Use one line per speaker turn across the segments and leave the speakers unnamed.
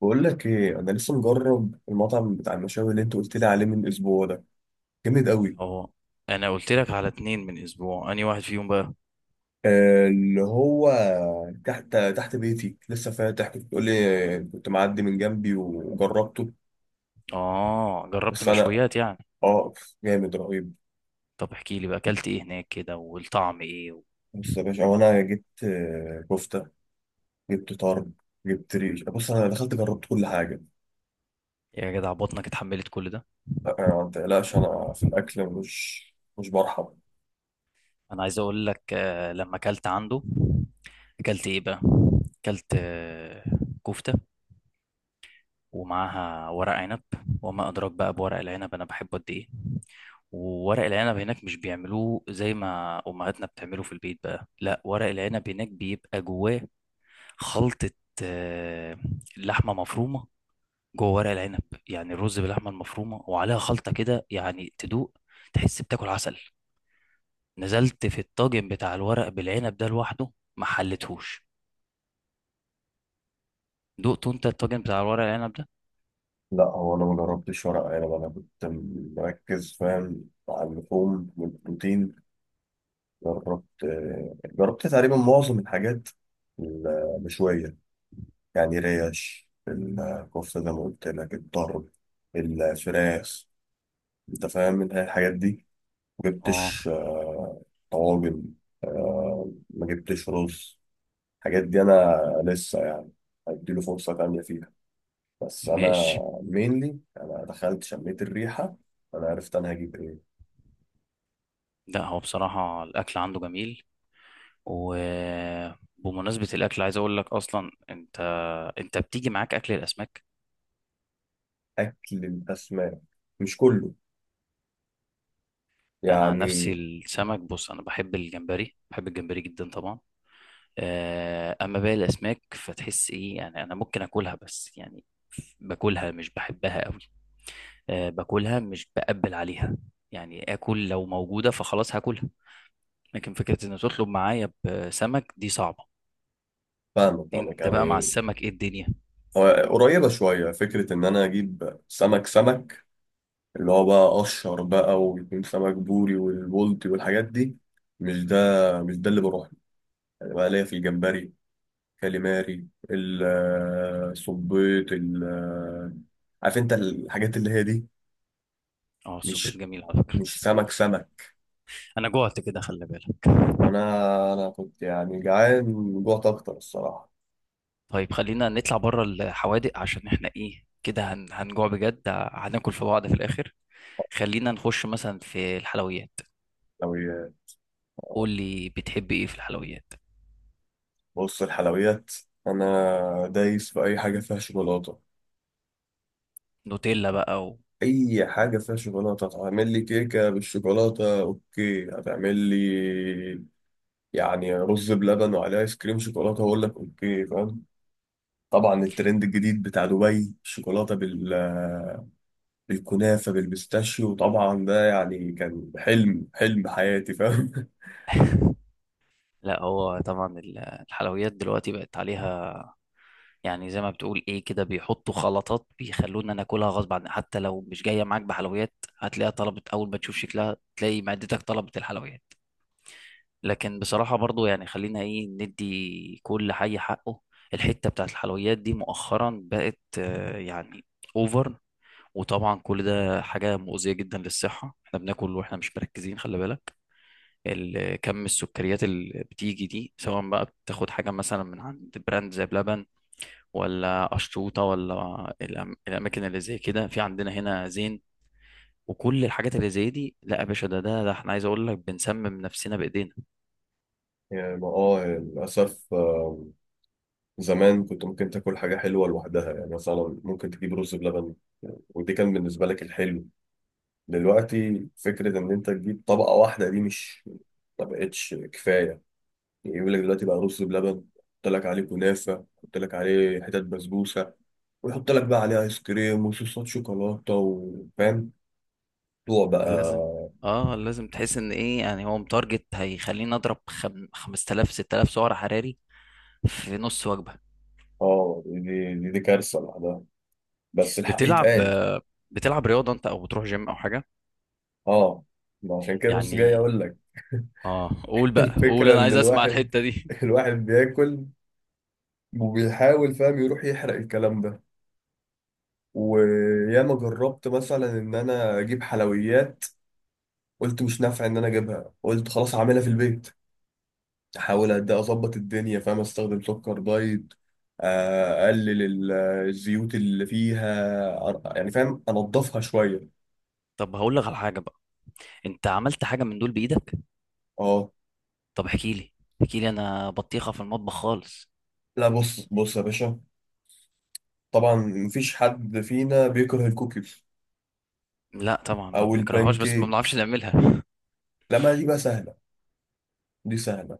بقول لك ايه، انا لسه مجرب المطعم بتاع المشاوي اللي انت قلت لي عليه من اسبوع ده. جامد قوي.
اه. انا قلت لك على اتنين من اسبوع انهي واحد فيهم بقى؟
اللي هو تحت بيتي لسه فاتح، كنت بتقول لي كنت معدي من جنبي وجربته.
اه، جربت
بس انا،
مشويات يعني.
اه جامد رهيب.
طب احكي لي بقى، اكلت ايه هناك كده والطعم ايه
بص يا باشا، هو انا جبت كفته، جبت طرب، جبت ريش. بص انا دخلت جربت كل حاجه.
يا جدع، بطنك اتحملت كل ده؟
آه، آه، ما تقلقش، انا في الاكل مش برحب.
انا عايز اقول لك، لما اكلت عنده اكلت ايه بقى؟ اكلت كفتة، ومعاها ورق عنب. وما ادراك بقى بورق العنب، انا بحبه قد ايه. وورق العنب هناك مش بيعملوه زي ما امهاتنا بتعمله في البيت بقى، لا، ورق العنب هناك بيبقى جواه خلطة، آه، لحمة مفرومة جوه ورق العنب. يعني الرز باللحمة المفرومة وعليها خلطة كده، يعني تدوق تحس بتاكل عسل. نزلت في الطاجن بتاع الورق بالعنب ده لوحده، ما حلتهوش. دقته انت الطاجن بتاع الورق العنب ده؟
لا، هو انا ما جربتش ورق عنب، انا كنت مركز، فاهم، على اللحوم والبروتين. جربت جربت تقريبا معظم الحاجات المشوية، يعني ريش، الكفتة زي ما قلت لك، الطرب، الفراخ، انت فاهم من الحاجات دي.
اه،
مجبتش طواجن، ما جبتش رز. الحاجات دي انا لسه يعني هديله فرصة تانية فيها. بس انا
ماشي.
مينلي انا دخلت شميت الريحة، انا عرفت انا هجيب ايه.
لا، هو بصراحة الأكل عنده جميل. وبمناسبة الأكل عايز أقول لك، أصلا أنت أنت بتيجي معاك أكل الأسماك؟
اكل الاسماك مش كله
أنا عن نفسي
يعني.
السمك، بص، أنا بحب الجمبري، بحب الجمبري جدا طبعا. اما باقي الاسماك فتحس ايه يعني، انا ممكن اكلها بس يعني باكلها مش بحبها قوي. أه، باكلها مش بقبل عليها، يعني اكل لو موجوده فخلاص هاكلها. لكن فكره ان تطلب معايا بسمك دي صعبه.
فاهمك فاهمك
انت بقى مع
يعني.
السمك ايه الدنيا؟
هو قريبة شوية فكرة إن أنا أجيب سمك، سمك اللي هو بقى قشر بقى، ويكون سمك بوري والبولتي والحاجات دي، مش ده مش ده اللي بروح له. يعني بقى ليا في الجمبري، كاليماري، الصبيط، عارف أنت الحاجات اللي هي دي.
اه، السبيط
مش
جميل على فكره.
مش سمك سمك.
انا جوعت كده، خلي بالك.
وأنا كنت يعني جعان، جوعت أكتر الصراحة.
طيب خلينا نطلع بره الحوادق، عشان احنا ايه كده هنجوع بجد، هناكل في بعض في الاخر. خلينا نخش مثلا في الحلويات.
لو ي-
قول لي، بتحب ايه في الحلويات؟
بص الحلويات، أنا دايس في أي حاجة فيها شوكولاتة.
نوتيلا بقى
اي حاجه فيها شوكولاته، هتعمل لي كيكه بالشوكولاته اوكي، هتعمل لي يعني رز بلبن وعليه ايس كريم شوكولاته هقول لك اوكي، فاهم. طبعا الترند الجديد بتاع دبي، الشوكولاته بالكنافه بالبيستاشيو، طبعا ده يعني كان حلم حياتي، فاهم.
لا، هو طبعا الحلويات دلوقتي بقت عليها، يعني زي ما بتقول، ايه كده بيحطوا خلطات بيخلونا ناكلها غصب عن حتى لو مش جايه معاك بحلويات هتلاقيها طلبت. اول ما تشوف شكلها تلاقي معدتك طلبت الحلويات. لكن بصراحه برضو يعني خلينا ايه، ندي كل حي حقه. الحته بتاعت الحلويات دي مؤخرا بقت، يعني، اوفر. وطبعا كل ده حاجه مؤذيه جدا للصحه، احنا بناكل واحنا مش مركزين، خلي بالك كم السكريات اللي بتيجي دي، سواء بقى بتاخد حاجة مثلا من عند براند زي بلبن، ولا قشطوطة، ولا الأماكن اللي زي كده في عندنا هنا زين وكل الحاجات اللي زي دي. لا يا باشا، ده ده ده احنا عايز اقول لك بنسمم نفسنا بايدينا.
يعني ما للاسف، زمان كنت ممكن تاكل حاجه حلوه لوحدها، يعني مثلا ممكن تجيب رز بلبن، ودي كان بالنسبه لك الحلو. دلوقتي فكرة إن أنت تجيب طبقة واحدة دي مش، ما بقتش كفاية. يعني يقول لك دلوقتي بقى رز بلبن، يحط لك عليه كنافة، يحط لك عليه حتت بسبوسة، ويحط لك بقى عليه آيس كريم وصوصات شوكولاتة، وفاهم الموضوع
لازم،
بقى.
اه لازم تحس ان ايه، يعني هو متارجت هيخليني اضرب 5000 6000 سعر حراري في نص وجبة.
اه، دي كارثة لوحدها، بس الحق
بتلعب،
يتقال.
بتلعب رياضة انت، او بتروح جيم او حاجة
اه، ما عشان كده بص جاي
يعني؟
أقول لك.
اه، قول بقى قول،
الفكرة
انا
إن
عايز اسمع
الواحد
الحتة دي.
الواحد بياكل، وبيحاول، فاهم، يروح يحرق الكلام ده. وياما جربت مثلا ان انا اجيب حلويات، قلت مش نافع ان انا اجيبها، قلت خلاص هعملها في البيت، احاول قد إيه اظبط الدنيا، فاهم، استخدم سكر دايت، اقلل الزيوت اللي فيها يعني فاهم انضفها شويه.
طب هقول لك على حاجه بقى، انت عملت حاجه من دول بايدك؟
اه،
طب احكي لي، احكي لي، انا بطيخه في المطبخ خالص.
لا، بص بص يا باشا، طبعا مفيش حد فينا بيكره الكوكيز
لا طبعا ما
او
بنكرههاش، بس ما
البانكيك.
بنعرفش نعملها.
لا، ما دي بقى سهله، دي سهله.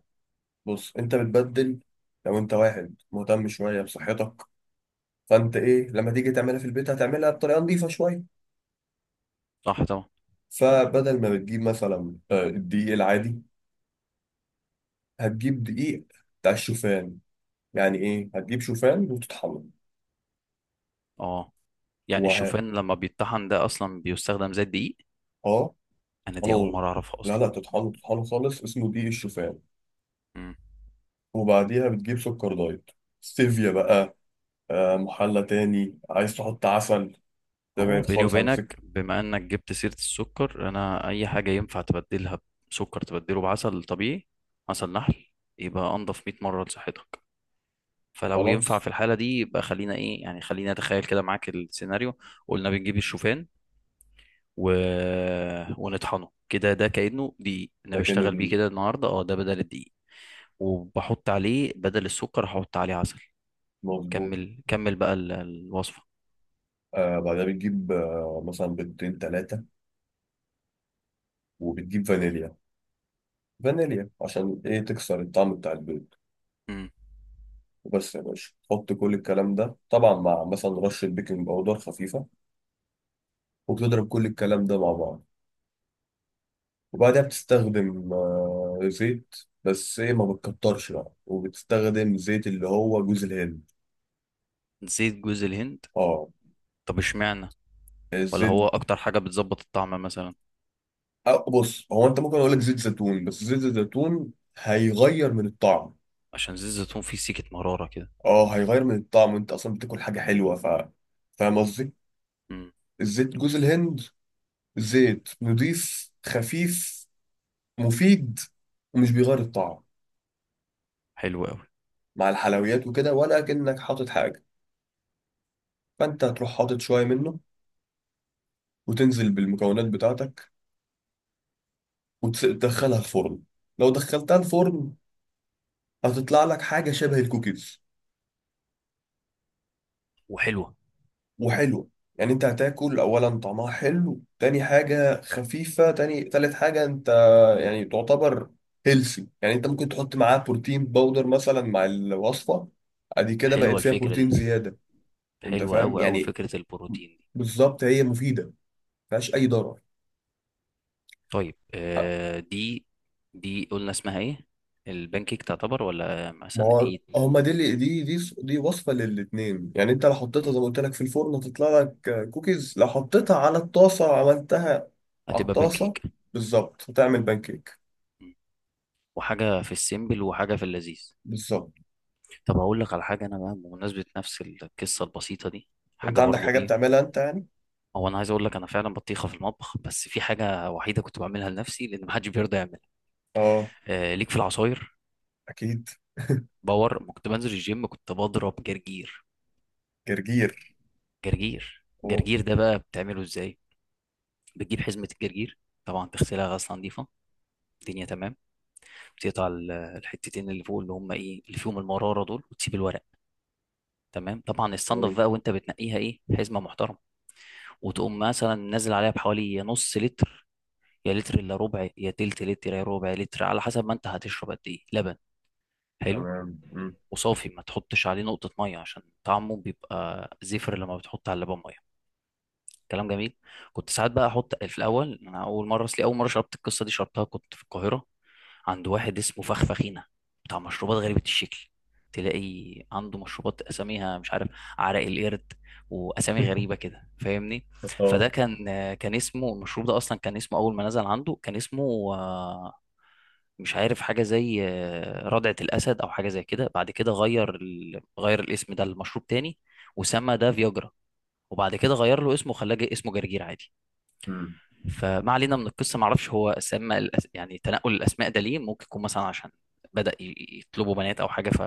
بص انت بتبدل، لو انت واحد مهتم شويه بصحتك، فانت ايه لما تيجي تعملها في البيت هتعملها بطريقه نظيفه شويه.
صح طبعا.
فبدل ما بتجيب مثلا الدقيق العادي، هتجيب دقيق بتاع الشوفان، يعني ايه؟ هتجيب شوفان وتطحنه.
اه، يعني
وه...
الشوفان لما بيتطحن ده اصلا بيستخدم زي الدقيق.
اه
انا دي اول
تطحنه،
مره اعرفها
لا
اصلا.
لا تطحنه تطحنه خالص، اسمه دقيق الشوفان.
امم.
وبعديها بتجيب سكر دايت، ستيفيا بقى، محلى تاني عايز تحط عسل، ده
هو
بعيد
بيني
خالص عن
وبينك،
سكر.
بما انك جبت سيره السكر، انا اي حاجه ينفع تبدلها بسكر تبدله بعسل طبيعي، عسل نحل، يبقى انضف 100 مره لصحتك. فلو ينفع
خلاص،
في الحالة دي، يبقى خلينا ايه يعني، خلينا نتخيل كده معاك السيناريو. قلنا بنجيب الشوفان و... ونطحنه كده، ده كأنه دقيق، انا
ده كأنه
بشتغل بيه
دقيق،
كده النهاردة، اه، ده بدل الدقيق. وبحط عليه بدل السكر هحط عليه عسل.
مظبوط.
كمل كمل بقى الوصفة.
بعدها بتجيب مثلا بيضتين تلاتة، وبتجيب فانيليا، فانيليا عشان ايه؟ تكسر الطعم بتاع البيض.
مم.
وبس يا باشا، حط كل الكلام ده طبعا مع مثلا رشة بيكنج باودر خفيفة، وبتضرب كل الكلام ده مع بعض. وبعدها بتستخدم زيت، بس ايه ما بتكترش بقى، وبتستخدم زيت اللي هو جوز الهند.
زيت جوز الهند؟
اه،
طب اشمعنى؟ ولا
الزيت.
هو اكتر حاجة بتظبط الطعم مثلا؟
أه، بص، هو انت ممكن اقول لك زيت زيتون، بس زيت الزيتون هيغير من الطعم.
عشان زيت الزيتون فيه سيكة مرارة كده.
اه، هيغير من الطعم، انت اصلا بتاكل حاجة حلوة، فاهم قصدي.
مم.
الزيت جوز الهند، زيت نضيف خفيف، مفيد، ومش بيغير الطعم
حلو قوي.
مع الحلويات وكده، ولا كأنك حاطط حاجة. فأنت تروح حاطط شوية منه، وتنزل بالمكونات بتاعتك، وتدخلها الفرن. لو دخلتها الفرن هتطلع لك حاجة شبه الكوكيز
وحلوة.
وحلوة. يعني انت هتاكل، اولا طعمها حلو، تاني حاجة خفيفة، تاني تالت حاجة انت يعني تعتبر هيلسي. يعني انت ممكن تحط معاه بروتين باودر مثلا مع الوصفة، ادي كده بقت
حلوة
فيها
الفكرة دي،
بروتين زيادة، انت
حلوة
فاهم
قوي قوي
يعني.
فكرة البروتين.
بالظبط هي مفيدة فيهاش اي ضرر.
طيب، دي دي قلنا اسمها ايه، البانكيك تعتبر ولا
ما
مثلا
هو
ايه؟
هما دي اللي دي وصفه للاتنين. يعني انت لو حطيتها
مم.
زي ما قلت لك في الفرن هتطلع لك كوكيز، لو حطيتها على الطاسه وعملتها على
هتبقى
الطاسه
بانكيك.
بالظبط هتعمل بانكيك.
مم. وحاجة في السيمبل وحاجة في اللذيذ.
بالظبط.
طب هقول لك على حاجة أنا بقى، بمناسبة نفس القصة البسيطة دي
انت
حاجة
عندك
برضو
حاجه
إيه.
بتعملها انت يعني؟
هو أنا عايز أقول لك، أنا فعلا بطيخة في المطبخ، بس في حاجة وحيدة كنت بعملها لنفسي لأن محدش بيرضى يعملها،
اه،
آه ليك، في العصاير.
اكيد.
باور ما كنت بنزل الجيم كنت بضرب جرجير.
جرجير،
جرجير،
اوه.
جرجير ده بقى بتعمله إزاي؟ بتجيب حزمة الجرجير، طبعا تغسلها غسلة نظيفة، الدنيا تمام. بتقطع الحتتين اللي فوق اللي هم ايه، اللي فيهم المراره دول، وتسيب الورق. تمام. طبعا
أوه.
الصنف بقى، وانت بتنقيها ايه، حزمه محترمه، وتقوم مثلا نازل عليها بحوالي، يا نص لتر يا لتر الا ربع يا تلت لتر يا ربع لتر، على حسب ما انت هتشرب قد ايه لبن. حلو.
تمام، مم.
وصافي، ما تحطش عليه نقطه ميه، عشان طعمه بيبقى زفر لما بتحط على اللبن ميه. كلام جميل. كنت ساعات بقى احط في الاول، انا اول مره اصلي، اول مره شربت القصه دي شربتها كنت في القاهره عند واحد اسمه فخفخينه، بتاع مشروبات غريبه الشكل. تلاقي عنده مشروبات اساميها مش عارف، عرق القرد، واسامي غريبه كده فاهمني. فده
اه.
كان كان اسمه المشروب ده اصلا، كان اسمه اول ما نزل عنده كان اسمه، مش عارف، حاجه زي ردعه الاسد او حاجه زي كده، بعد كده غير غير الاسم ده لمشروب تاني وسمى ده فياجرا، وبعد كده غير له اسمه وخلاه اسمه جرجير عادي.
مم.
فما علينا من القصه، ما اعرفش هو اسماء يعني تنقل الاسماء ده ليه، ممكن يكون مثلا عشان بدأ يطلبوا بنات او حاجه ف،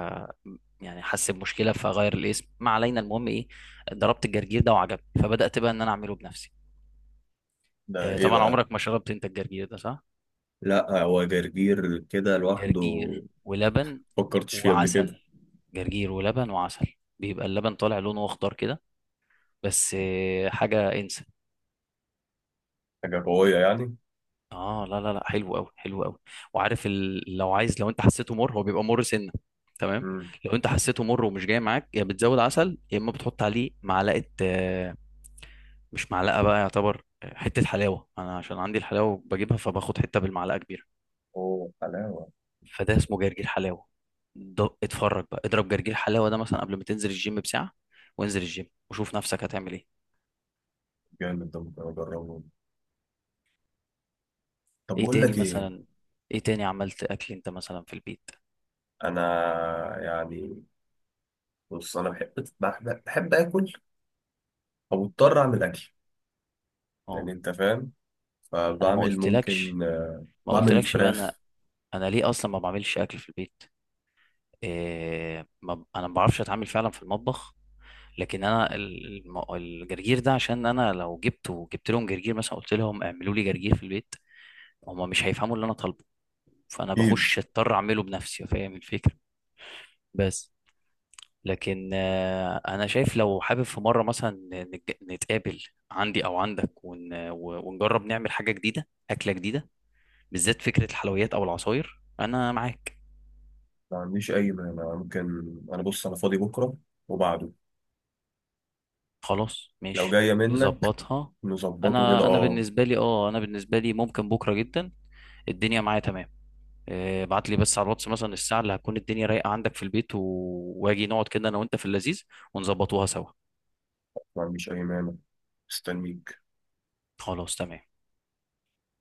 يعني حس بمشكله فغير الاسم، ما علينا، المهم ايه، ضربت الجرجير ده وعجبني، فبدأت بقى ان انا اعمله بنفسي.
ده ايه
طبعا
بقى؟
عمرك ما شربت انت الجرجير ده، صح؟
لا، هو جرجير كده لوحده،
جرجير ولبن
فكرتش فيه قبل كده.
وعسل، جرجير ولبن وعسل، بيبقى اللبن طالع لونه اخضر كده، بس حاجه انسى.
حاجه قويه يعني.
اه لا لا لا، حلو قوي حلو قوي. وعارف لو عايز، لو انت حسيته مر، هو بيبقى مر سنه، تمام.
مم.
لو انت حسيته مر ومش جاي معاك، يا بتزود عسل يا اما بتحط عليه معلقه، مش معلقه بقى يعتبر، حته حلاوه، انا عشان عندي الحلاوه بجيبها فباخد حته بالمعلقه كبيره.
اوه، حلاوه.
فده اسمه جرجير حلاوه. ده اتفرج بقى، اضرب جرجير حلاوه ده مثلا قبل ما تنزل الجيم بساعه، وانزل الجيم وشوف نفسك هتعمل ايه.
جامد، ده ممكن اجربه. طب
ايه
بقول
تاني
لك ايه.
مثلا، ايه تاني عملت اكل انت مثلا في البيت؟
انا يعني، بص، انا بحب اكل، او اضطر اعمل اكل، يعني
اه
انت فاهم،
انا ما
فبعمل
قلتلكش
ممكن
ما
بعمل
قلتلكش بقى، انا
فراخ.
انا ليه اصلا ما بعملش اكل في البيت؟ إيه، ما ب- انا ما بعرفش اتعامل فعلا في المطبخ. لكن انا الجرجير ده عشان انا لو جبته، جبت لهم جرجير مثلا قلت لهم اعملوا لي جرجير في البيت هما مش هيفهموا اللي انا طالبه، فانا
اكيد،
بخش اضطر اعمله بنفسي، فاهم الفكره؟ بس. لكن انا شايف لو حابب في مره مثلا نتقابل عندي او عندك ونجرب نعمل حاجه جديده، اكله جديده، بالذات فكره الحلويات او العصاير، انا معاك.
ما عنديش اي مانع، ممكن. انا، بص، انا فاضي بكره وبعده،
خلاص
لو
ماشي،
جايه منك
نظبطها.
نظبطه كده،
انا
اه.
بالنسبه لي، اه انا بالنسبه لي ممكن بكره جدا، الدنيا معايا تمام. ابعت لي بس على الواتس مثلا الساعه اللي هتكون الدنيا رايقه عندك في البيت واجي نقعد كده انا وانت في اللذيذ ونظبطوها سوا.
ما عنديش اي مانع، مستنيك.
خلاص تمام.